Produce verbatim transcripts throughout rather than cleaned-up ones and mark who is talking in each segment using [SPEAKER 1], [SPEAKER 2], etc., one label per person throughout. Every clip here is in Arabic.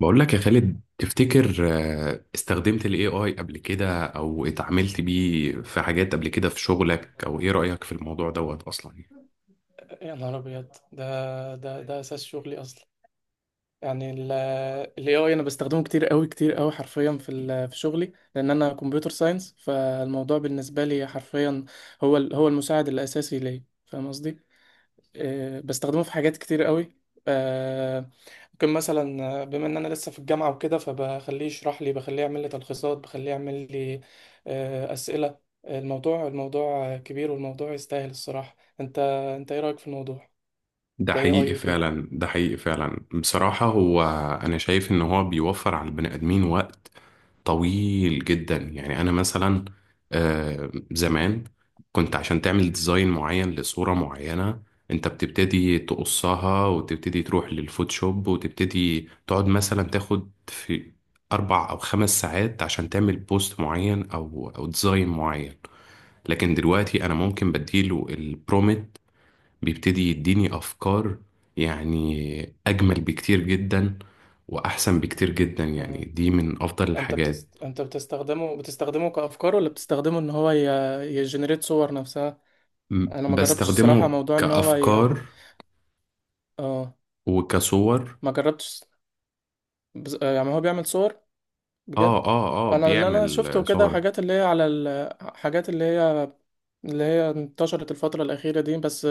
[SPEAKER 1] بقول لك يا خالد، تفتكر آه، استخدمت ال إيه آي قبل كده او اتعاملت بيه في حاجات قبل كده في شغلك؟ او ايه رأيك في الموضوع دوت اصلا؟
[SPEAKER 2] يا نهار ابيض! ده ده ده اساس شغلي اصلا. يعني الاي اي انا بستخدمه كتير قوي كتير قوي حرفيا في ال- في شغلي، لان انا كمبيوتر ساينس، فالموضوع بالنسبه لي حرفيا هو ال- هو المساعد الاساسي ليا، فاهم قصدي؟ آه، بستخدمه في حاجات كتير قوي. آه، ممكن مثلا، آه، بما ان انا لسه في الجامعه وكده، فبخليه يشرح لي، بخليه يعمل لي تلخيصات، بخليه يعمل لي آه، اسئله. الموضوع الموضوع كبير، والموضوع يستاهل الصراحه. انت انت ايه رايك في الموضوع
[SPEAKER 1] ده
[SPEAKER 2] كاي اي
[SPEAKER 1] حقيقي
[SPEAKER 2] وكده؟
[SPEAKER 1] فعلا ده حقيقي فعلا بصراحة هو، انا شايف ان هو بيوفر على البني ادمين وقت طويل جدا. يعني انا مثلا آه، زمان كنت، عشان تعمل ديزاين معين لصورة معينة، انت بتبتدي تقصها وتبتدي تروح للفوتوشوب وتبتدي تقعد مثلا تاخد في اربع او خمس ساعات عشان تعمل بوست معين او او ديزاين معين. لكن دلوقتي انا ممكن بديله البرومت، بيبتدي يديني افكار يعني اجمل بكتير جدا واحسن بكتير جدا. يعني
[SPEAKER 2] آه.
[SPEAKER 1] دي من افضل
[SPEAKER 2] انت
[SPEAKER 1] الحاجات.
[SPEAKER 2] بتست... انت بتستخدمه بتستخدمه كافكار، ولا بتستخدمه ان هو ي... يجنريت صور نفسها؟
[SPEAKER 1] م-
[SPEAKER 2] انا ما جربتش الصراحه
[SPEAKER 1] بستخدمه
[SPEAKER 2] موضوع ان هو ي...
[SPEAKER 1] كأفكار
[SPEAKER 2] اه،
[SPEAKER 1] وكصور.
[SPEAKER 2] ما جربتش. بز... آه، يعني هو بيعمل صور
[SPEAKER 1] اه،
[SPEAKER 2] بجد؟
[SPEAKER 1] اه، اه،
[SPEAKER 2] انا اللي انا شفته
[SPEAKER 1] بيعمل
[SPEAKER 2] كده
[SPEAKER 1] صور.
[SPEAKER 2] حاجات اللي هي على ال... حاجات اللي هي اللي هي انتشرت الفتره الاخيره دي بس،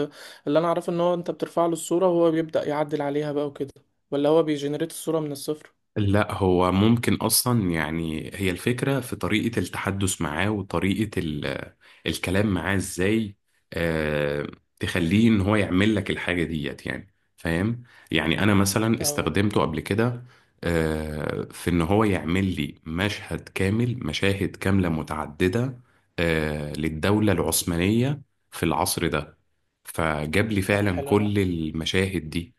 [SPEAKER 2] اللي انا اعرفه ان هو انت بترفع له الصوره وهو بيبدا يعدل عليها بقى وكده، ولا هو بيجنريت الصوره من الصفر؟
[SPEAKER 1] لا، هو ممكن اصلا، يعني هي الفكره في طريقه التحدث معاه وطريقه ال- الكلام معاه ازاي. آه تخليه ان هو يعمل لك الحاجه ديت، يعني فاهم. يعني انا مثلا
[SPEAKER 2] اه.
[SPEAKER 1] استخدمته قبل كده آه في ان هو يعمل لي مشهد كامل، مشاهد كامله متعدده آه للدوله العثمانيه في العصر ده. فجاب لي
[SPEAKER 2] اه،
[SPEAKER 1] فعلا
[SPEAKER 2] حلو ده.
[SPEAKER 1] كل المشاهد دي.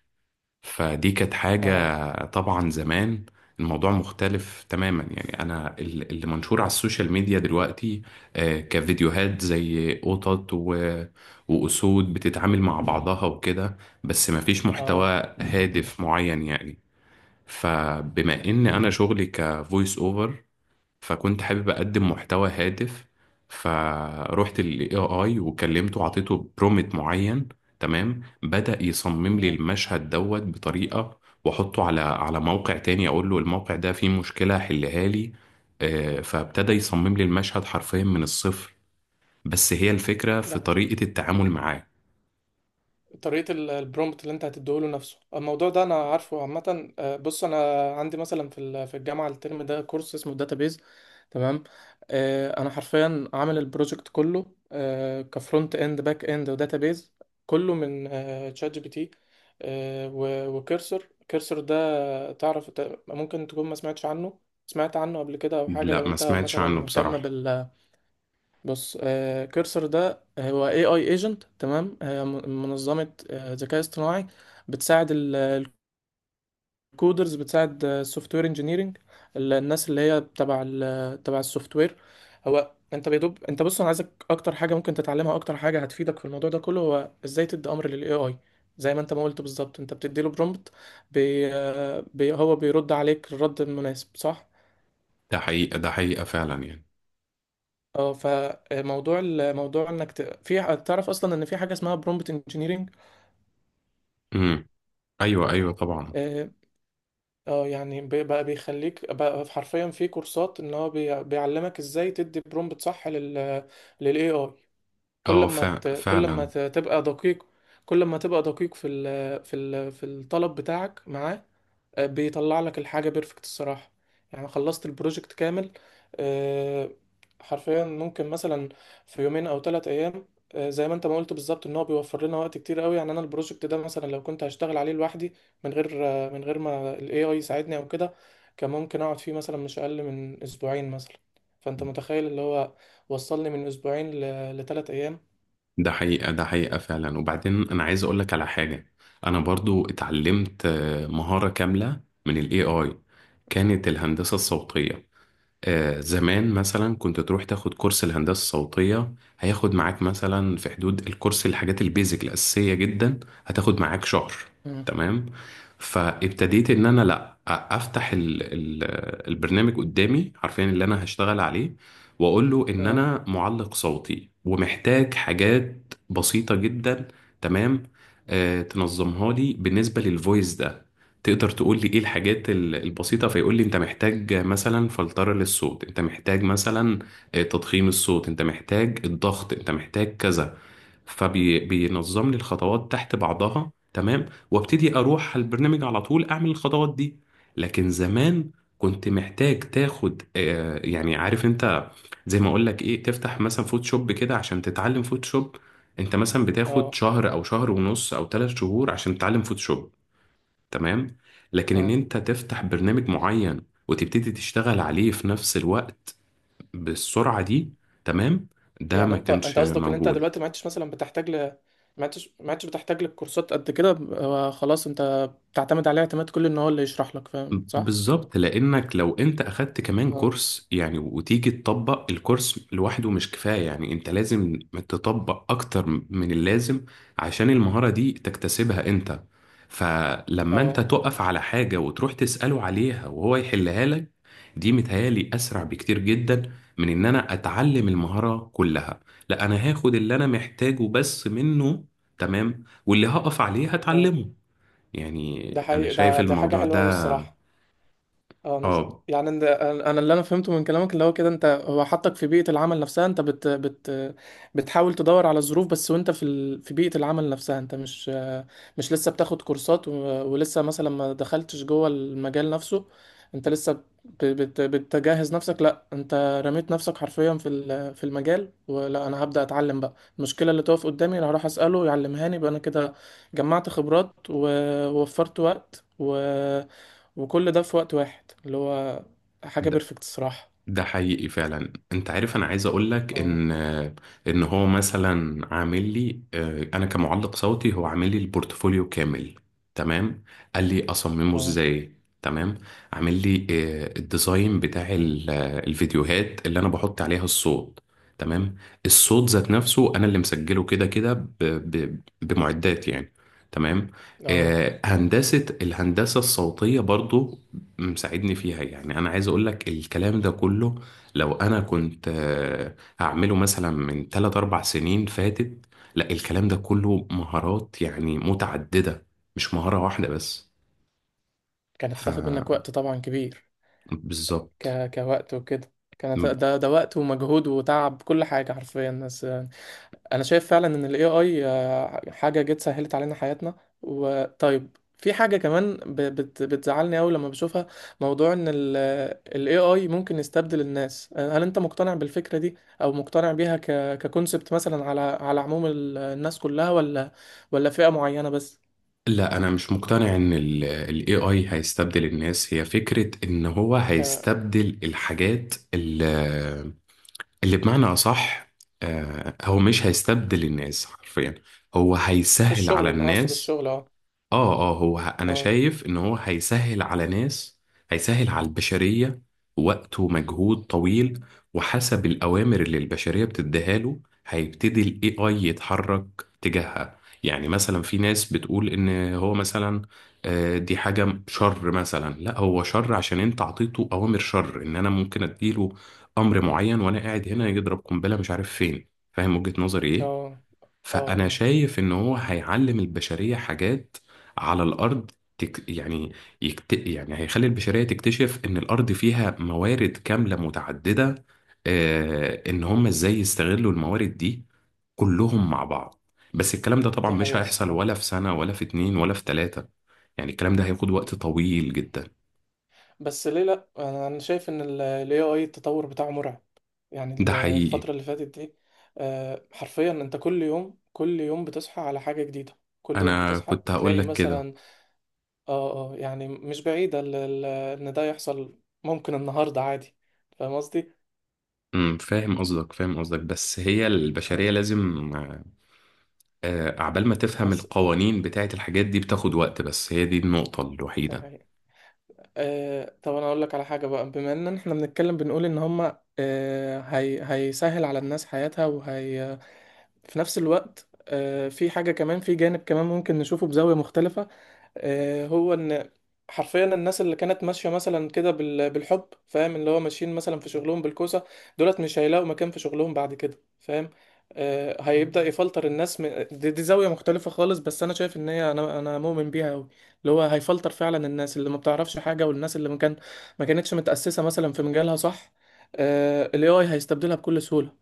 [SPEAKER 1] فدي كانت
[SPEAKER 2] اه.
[SPEAKER 1] حاجة طبعا زمان. الموضوع مختلف تماما. يعني أنا ال- اللي منشور على السوشيال ميديا دلوقتي آه، كفيديوهات زي قطط و- وأسود بتتعامل مع بعضها وكده، بس مفيش محتوى
[SPEAKER 2] اه.
[SPEAKER 1] هادف معين يعني. فبما إن أنا شغلي كفويس أوفر، فكنت حابب اقدم محتوى هادف. فروحت للاي اي وكلمته وعطيته برومت معين، تمام. بدأ يصمم لي
[SPEAKER 2] آه.
[SPEAKER 1] المشهد دوت بطريقة، واحطه على على موقع تاني، اقول له الموقع ده فيه مشكلة حلها لي. آه، فابتدى يصمم لي المشهد حرفيا من الصفر. بس هي الفكرة في
[SPEAKER 2] ده
[SPEAKER 1] طريقة التعامل معاه.
[SPEAKER 2] طريقة ال- البرومبت اللي انت هتديهوله نفسه، الموضوع ده انا عارفه عامة. آه، بص، انا عندي مثلا في ال- في الجامعة الترم ده كورس اسمه داتابيز، تمام؟ آه، انا حرفيا عامل البروجكت كله، آه، كفرونت اند، باك اند، وداتابيز، كله من تشات جي بي تي، وكيرسر. كيرسر ده تعرف ت- ممكن تكون ما سمعتش عنه، سمعت عنه قبل كده او حاجة؟
[SPEAKER 1] لا،
[SPEAKER 2] لو
[SPEAKER 1] ما
[SPEAKER 2] انت
[SPEAKER 1] سمعتش
[SPEAKER 2] مثلا
[SPEAKER 1] عنه
[SPEAKER 2] مهتم
[SPEAKER 1] بصراحة.
[SPEAKER 2] بال، بص، آه، كيرسر ده هو اي اي ايجنت، تمام، آه م- منظمه، آه، ذكاء اصطناعي، بتساعد الكودرز، بتساعد السوفت وير انجينيرنج، الناس اللي هي تبع ال- تبع السوفت وير. هو انت بيدوب، انت بص، انا عايزك اكتر حاجه ممكن تتعلمها، اكتر حاجه هتفيدك في الموضوع ده كله، هو ازاي تدي امر للاي اي. زي ما انت ما قلت بالظبط، انت بتدي له برومبت، بي آه، بي هو بيرد عليك الرد المناسب، صح؟
[SPEAKER 1] ده حقيقة، ده حقيقة فعلا يعني.
[SPEAKER 2] اه. فموضوع ال- موضوع انك ت... في، تعرف اصلا ان في حاجه اسمها برومبت انجينيرنج؟
[SPEAKER 1] امم ايوه ايوه طبعا.
[SPEAKER 2] اه. آه، يعني بي- بقى بيخليك بقى حرفيا، في كورسات ان هو بي... بيعلمك ازاي تدي برومبت صح لل، للاي اي. كل
[SPEAKER 1] اه،
[SPEAKER 2] ما
[SPEAKER 1] فع-
[SPEAKER 2] ت... كل ما
[SPEAKER 1] فعلا.
[SPEAKER 2] ت... تبقى دقيق، كل ما تبقى دقيق في ال... في ال... في الطلب بتاعك معاه، آه، بيطلع لك الحاجة بيرفكت الصراحة. يعني خلصت البروجكت كامل، آه، حرفيا، ممكن مثلا في يومين او ثلاث ايام. آه، زي ما انت ما قلت بالظبط، ان هو بيوفر لنا وقت كتير قوي. يعني انا البروجكت ده مثلا، لو كنت هشتغل عليه لوحدي، من غير آه، من غير ما الاي اي يساعدني او كده، كان ممكن اقعد فيه مثلا مش اقل من اسبوعين مثلا. فانت متخيل اللي هو وصلني من اسبوعين ل، لثلاث ايام.
[SPEAKER 1] ده حقيقة ده حقيقة فعلا وبعدين، أنا عايز أقولك على حاجة. أنا برضو اتعلمت آه، مهارة كاملة من ال A I، كانت الهندسة الصوتية. آه، زمان مثلا كنت تروح تاخد كورس الهندسة الصوتية، هياخد معاك مثلا في حدود الكورس الحاجات البيزك الأساسية جدا. هتاخد معاك شهر،
[SPEAKER 2] مم.
[SPEAKER 1] تمام. فابتديت ان انا لا أ- افتح ال ال البرنامج قدامي، عارفين اللي انا هشتغل عليه. واقول له ان
[SPEAKER 2] اه.
[SPEAKER 1] انا معلق صوتي ومحتاج حاجات بسيطة جدا، تمام. آه تنظمها لي بالنسبة للفويس ده. تقدر تقول لي ايه الحاجات ال- البسيطة؟ فيقول لي انت محتاج مثلا فلترة للصوت، انت محتاج مثلا آه، تضخيم الصوت، انت محتاج الضغط، انت محتاج كذا. فبينظم لي الخطوات تحت بعضها، تمام. وابتدي اروح على البرنامج على طول اعمل الخطوات دي. لكن زمان، كنت محتاج تاخد آه، يعني عارف انت، زي ما اقول لك ايه، تفتح مثلا فوتوشوب كده عشان تتعلم فوتوشوب، انت مثلا بتاخد
[SPEAKER 2] اه.
[SPEAKER 1] شهر او شهر ونص او ثلاث شهور عشان تتعلم فوتوشوب، تمام. لكن ان
[SPEAKER 2] اه.
[SPEAKER 1] انت تفتح برنامج معين وتبتدي تشتغل عليه في نفس الوقت بالسرعة دي، تمام، ده
[SPEAKER 2] يعني
[SPEAKER 1] ما
[SPEAKER 2] انت
[SPEAKER 1] كانش
[SPEAKER 2] انت قصدك ان انت
[SPEAKER 1] موجود.
[SPEAKER 2] دلوقتي ما عدتش مثلا بتحتاج ل، ما عدتش ما عدتش بتحتاج للكورسات قد كده، ب- آه، خلاص انت بتعتمد عليه اعتماد كلي، ان هو اللي يشرح لك، فاهم صح؟
[SPEAKER 1] بالظبط، لانك لو انت اخدت كمان
[SPEAKER 2] اه.
[SPEAKER 1] كورس يعني وتيجي تطبق الكورس لوحده، مش كفاية. يعني انت لازم تطبق اكتر من اللازم عشان المهارة دي تكتسبها انت. فلما انت
[SPEAKER 2] اه.
[SPEAKER 1] تقف على حاجة وتروح تسأله عليها وهو يحلها لك، دي متهيالي اسرع بكتير جدا من ان انا اتعلم المهارة كلها. لا، انا هاخد اللي انا محتاجه بس منه، تمام. واللي هقف عليه
[SPEAKER 2] اه.
[SPEAKER 1] هتعلمه. يعني
[SPEAKER 2] ده
[SPEAKER 1] انا
[SPEAKER 2] حقيقي.
[SPEAKER 1] شايف
[SPEAKER 2] ده ده حاجة
[SPEAKER 1] الموضوع
[SPEAKER 2] حلوة قوي
[SPEAKER 1] ده.
[SPEAKER 2] الصراحة. اه. نس...
[SPEAKER 1] اه.
[SPEAKER 2] يعني إن- انا أنا اللي انا فهمته من كلامك اللي هو كده، انت هو حطك في بيئة العمل نفسها، انت بت... بت... بتحاول تدور على الظروف بس، وانت في ال... في بيئة العمل نفسها، انت مش، مش لسه بتاخد كورسات و، ولسه مثلا ما دخلتش جوه المجال نفسه، انت لسه ب... بت... بتجهز نفسك. لا انت رميت نفسك حرفيا في ال... في المجال، ولا انا هبدأ اتعلم بقى المشكلة اللي تقف قدامي، انا هروح اسأله يعلمهاني، يبقى انا كده جمعت خبرات، ووفرت وقت و، وكل ده في وقت واحد، اللي هو حاجة
[SPEAKER 1] ده,
[SPEAKER 2] بيرفكت الصراحة.
[SPEAKER 1] ده حقيقي فعلا. انت عارف انا عايز اقول لك
[SPEAKER 2] اه.
[SPEAKER 1] ان، ان هو مثلا عامل لي آه، انا كمعلق صوتي، هو عامل لي البورتفوليو كامل، تمام. قال لي اصممه
[SPEAKER 2] اه.
[SPEAKER 1] ازاي، تمام. عامل لي آه، الديزاين بتاع ال- آه، الفيديوهات اللي انا بحط عليها الصوت، تمام. الصوت ذات نفسه انا اللي مسجله، كده كده ب- ب- بمعدات يعني، تمام.
[SPEAKER 2] اه.
[SPEAKER 1] آه، هندسة الهندسة الصوتية برضو مساعدني فيها. يعني انا عايز اقول لك الكلام ده كله، لو انا كنت آه، هعمله مثلا من ثلاث أربعة سنين فاتت، لا، الكلام ده كله مهارات يعني متعددة، مش مهارة واحدة بس.
[SPEAKER 2] كانت
[SPEAKER 1] ف
[SPEAKER 2] هتاخد منك وقت طبعا كبير،
[SPEAKER 1] بالظبط.
[SPEAKER 2] ك... كوقت وكده. كانت
[SPEAKER 1] م-
[SPEAKER 2] ده ده وقت ومجهود وتعب، كل حاجة حرفيا. بس انا شايف فعلا ان الاي اي حاجه جت سهلت علينا حياتنا. وطيب في حاجه كمان ب- بت- بتزعلني قوي لما بشوفها، موضوع ان الاي اي ممكن يستبدل الناس. هل انت مقتنع بالفكره دي، او مقتنع بيها ك، ككونسبت مثلا، على على عموم ال- الناس كلها، ولا، ولا فئه معينه بس؟
[SPEAKER 1] لا، انا مش مقتنع ان الاي اي هيستبدل الناس. هي فكرة ان هو
[SPEAKER 2] ك،
[SPEAKER 1] هيستبدل الحاجات اللي, اللي بمعنى اصح، آه، هو مش هيستبدل الناس حرفيا، هو
[SPEAKER 2] في
[SPEAKER 1] هيسهل على
[SPEAKER 2] الشغل اقصد،
[SPEAKER 1] الناس.
[SPEAKER 2] الشغل. اه.
[SPEAKER 1] اه، اه، هو ه- انا
[SPEAKER 2] اه.
[SPEAKER 1] شايف ان هو هيسهل على ناس، هيسهل على البشرية وقت ومجهود طويل. وحسب الأوامر اللي البشرية بتديها له، هيبتدي ال إيه آي يتحرك تجاهها. يعني مثلا في ناس بتقول إن هو مثلا آه، دي حاجة شر، مثلا لا، هو شر عشان أنت عطيته أوامر شر. إن أنا ممكن أديله أمر معين وأنا قاعد هنا، يضرب قنبلة مش عارف فين. فاهم وجهة نظري
[SPEAKER 2] اه.
[SPEAKER 1] إيه؟
[SPEAKER 2] اه.
[SPEAKER 1] فأنا
[SPEAKER 2] اه.
[SPEAKER 1] شايف إن هو هيعلم البشرية حاجات على الأرض. تك يعني، يكت يعني هيخلي البشرية تكتشف إن الأرض فيها موارد كاملة متعددة، آه إن هم إزاي يستغلوا الموارد دي كلهم مع بعض. بس الكلام ده طبعا
[SPEAKER 2] دي
[SPEAKER 1] مش
[SPEAKER 2] حقيقه
[SPEAKER 1] هيحصل
[SPEAKER 2] الصراحه.
[SPEAKER 1] ولا في سنة ولا في اتنين ولا في تلاتة. يعني الكلام ده هياخد وقت طويل جدا.
[SPEAKER 2] بس ليه، لا انا، أنا شايف ان الاي اي التطور بتاعه مرعب. يعني
[SPEAKER 1] ده
[SPEAKER 2] ال-
[SPEAKER 1] حقيقي.
[SPEAKER 2] الفترة اللي فاتت دي، آه، حرفيا انت كل يوم، كل يوم بتصحى على حاجة جديدة، كل يوم
[SPEAKER 1] أنا
[SPEAKER 2] بتصحى
[SPEAKER 1] كنت هقول
[SPEAKER 2] تلاقي
[SPEAKER 1] لك كده.
[SPEAKER 2] مثلا، اه. اه. يعني مش بعيدة ال- ال- ان ده يحصل ممكن النهاردة عادي، فاهم قصدي؟
[SPEAKER 1] أمم، فاهم قصدك، فاهم قصدك، بس هي
[SPEAKER 2] اه.
[SPEAKER 1] البشرية لازم آه، عبال ما تفهم
[SPEAKER 2] بس
[SPEAKER 1] القوانين بتاعت الحاجات دي بتاخد وقت. بس هي دي النقطة
[SPEAKER 2] ده
[SPEAKER 1] الوحيدة.
[SPEAKER 2] حقيقة. آه، طب انا اقول لك على حاجة بقى، بما ان احنا بنتكلم بنقول ان هما، آه، هي هيسهل على الناس حياتها، وهي في نفس الوقت آه، في حاجة كمان، في جانب كمان ممكن نشوفه بزاوية مختلفة، آه، هو ان حرفيا الناس اللي كانت ماشيه مثلا كده بال- بالحب، فاهم، اللي هو ماشيين مثلا في شغلهم بالكوسه، دولت مش هيلاقوا مكان في شغلهم بعد كده، فاهم؟ آه، هيبدا يفلتر الناس من دي, دي زاويه مختلفه خالص، بس انا شايف ان هي، انا انا مؤمن بيها قوي، اللي هو هيفلتر فعلا الناس اللي ما بتعرفش حاجه، والناس اللي ما كان، ما كانتش متاسسه مثلا في مجالها، صح؟ آه، ال إيه آي هيستبدلها بكل سهوله.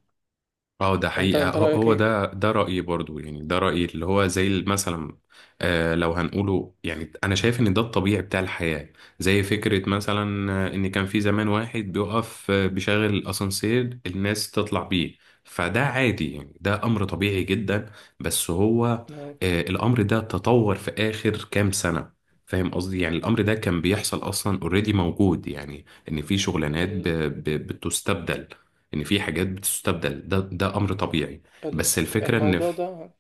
[SPEAKER 1] اه، ده
[SPEAKER 2] انت
[SPEAKER 1] حقيقة.
[SPEAKER 2] انت
[SPEAKER 1] هو
[SPEAKER 2] رايك
[SPEAKER 1] هو
[SPEAKER 2] ايه؟
[SPEAKER 1] ده ده رأيي برضو، يعني ده رأيي اللي هو زي ال- مثلا آه لو هنقوله، يعني أنا شايف إن ده الطبيعي بتاع الحياة. زي فكرة مثلا آه، إن كان في زمان واحد بيقف آه، بيشغل الأسانسير، الناس تطلع بيه. فده عادي يعني، ده أمر طبيعي جدا. بس هو
[SPEAKER 2] لو
[SPEAKER 1] آه الأمر ده تطور في آخر كام سنة. فاهم قصدي. يعني الأمر ده كان بيحصل أصلا اوريدي موجود. يعني إن في شغلانات ب-
[SPEAKER 2] ال-
[SPEAKER 1] ب- بتستبدل، ان في حاجات بتستبدل، ده ده امر طبيعي.
[SPEAKER 2] ال-
[SPEAKER 1] بس الفكره ان
[SPEAKER 2] الموضوع
[SPEAKER 1] في.
[SPEAKER 2] ده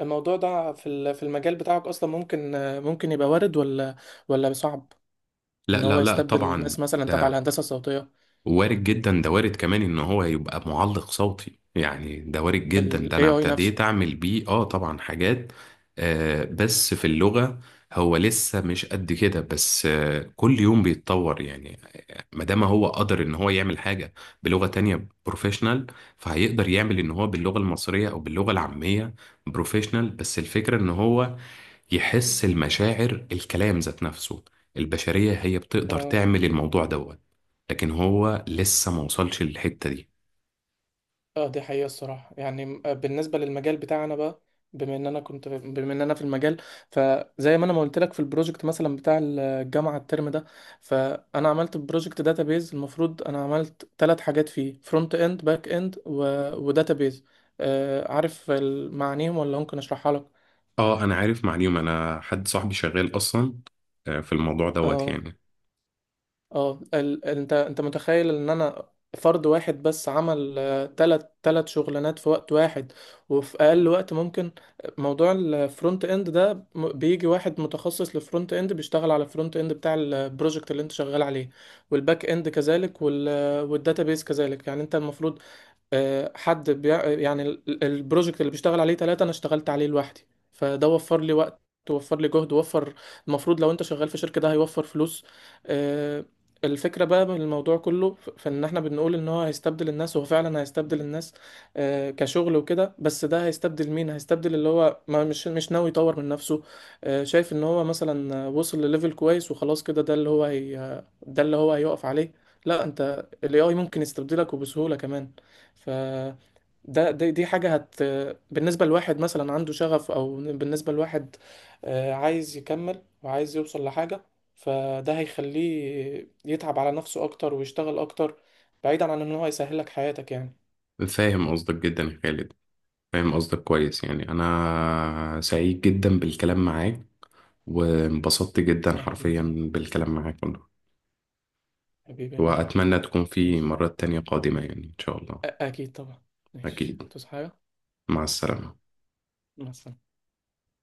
[SPEAKER 2] الموضوع ده في ال- في المجال بتاعك اصلا، ممكن، ممكن يبقى وارد، ولا، ولا صعب
[SPEAKER 1] لا
[SPEAKER 2] ان هو
[SPEAKER 1] لا لا
[SPEAKER 2] يستبدل ناس
[SPEAKER 1] طبعا،
[SPEAKER 2] مثلا تبع
[SPEAKER 1] ده
[SPEAKER 2] الهندسه الصوتيه،
[SPEAKER 1] وارد جدا. ده وارد كمان ان هو يبقى معلق صوتي، يعني ده وارد جدا. ده
[SPEAKER 2] ال
[SPEAKER 1] انا
[SPEAKER 2] إيه آي نفسه؟
[SPEAKER 1] ابتديت اعمل بيه. اه طبعا، حاجات آه بس في اللغه، هو لسه مش قد كده. بس آه كل يوم بيتطور يعني. ما دام هو قدر ان هو يعمل حاجه بلغه تانية بروفيشنال، فهيقدر يعمل ان هو باللغه المصريه او باللغه العاميه بروفيشنال. بس الفكره ان هو يحس المشاعر، الكلام ذات نفسه البشرية هي بتقدر
[SPEAKER 2] اه.
[SPEAKER 1] تعمل الموضوع دوت، لكن هو لسه ما وصلش للحتة دي.
[SPEAKER 2] اه. دي حقيقه الصراحه. يعني م- آه، بالنسبه للمجال بتاعنا بقى، بما ان انا كنت، بما ان انا في المجال، فزي ما انا ما قلت لك في البروجكت مثلا بتاع الجامعه الترم ده، فانا عملت بروجكت داتابيز، المفروض انا عملت ثلاث حاجات فيه: فرونت اند، باك اند، وداتابيز. آه، عارف ال- معانيهم، ولا ممكن اشرحها لك؟
[SPEAKER 1] اه، انا عارف معلومة. انا حد صاحبي شغال اصلا آه، في الموضوع دوت
[SPEAKER 2] اه.
[SPEAKER 1] يعني.
[SPEAKER 2] اه. ال... ال- انت انت متخيل ان انا فرد واحد بس عمل آه، تلت تلت شغلانات في وقت واحد، وفي اقل وقت ممكن؟ موضوع الفرونت اند ده م- بيجي واحد متخصص للفرونت اند، بيشتغل على الفرونت اند بتاع البروجكت اللي انت شغال عليه، والباك اند كذلك، وال، والداتابيس كذلك. يعني انت المفروض، آه، حد بيع... آه، يعني ال- ال- البروجكت اللي بيشتغل عليه ثلاثة، أنا اشتغلت عليه لوحدي، فده وفر لي وقت، وفر لي جهد، وفر، المفروض لو أنت شغال في شركة، ده هيوفر فلوس. آه، الفكرة بقى من الموضوع كله، ف- في إن إحنا بنقول إن هو هيستبدل الناس، وهو فعلا هيستبدل الناس، آه، كشغل وكده. بس ده هيستبدل مين؟ هيستبدل اللي هو ما، مش، مش ناوي يطور من نفسه، آه، شايف إن هو مثلا وصل لليفل كويس وخلاص كده، ده اللي هو هي... ده اللي هو هيقف عليه. لا، أنت ال إيه آي ممكن يستبدلك، وبسهولة كمان. فده، ده دي دي حاجة هت، بالنسبة لواحد مثلا عنده شغف، أو بالنسبة لواحد آه، عايز يكمل وعايز يوصل لحاجة، فده هيخليه يتعب على نفسه أكتر، ويشتغل أكتر، بعيدا عن إن هو يسهلك حياتك يعني.
[SPEAKER 1] فاهم قصدك جدا يا خالد، فاهم قصدك كويس. يعني انا سعيد جدا بالكلام معاك وانبسطت جدا
[SPEAKER 2] يا حبيبي،
[SPEAKER 1] حرفيا
[SPEAKER 2] يا رب.
[SPEAKER 1] بالكلام معاك والله.
[SPEAKER 2] حبيبي يا غالي.
[SPEAKER 1] واتمنى تكون في
[SPEAKER 2] ماشي.
[SPEAKER 1] مرات تانية قادمة يعني ان شاء الله.
[SPEAKER 2] أ- أكيد طبعا. ماشي،
[SPEAKER 1] اكيد.
[SPEAKER 2] تصحى حاجة.
[SPEAKER 1] مع السلامة.
[SPEAKER 2] مع السلامة.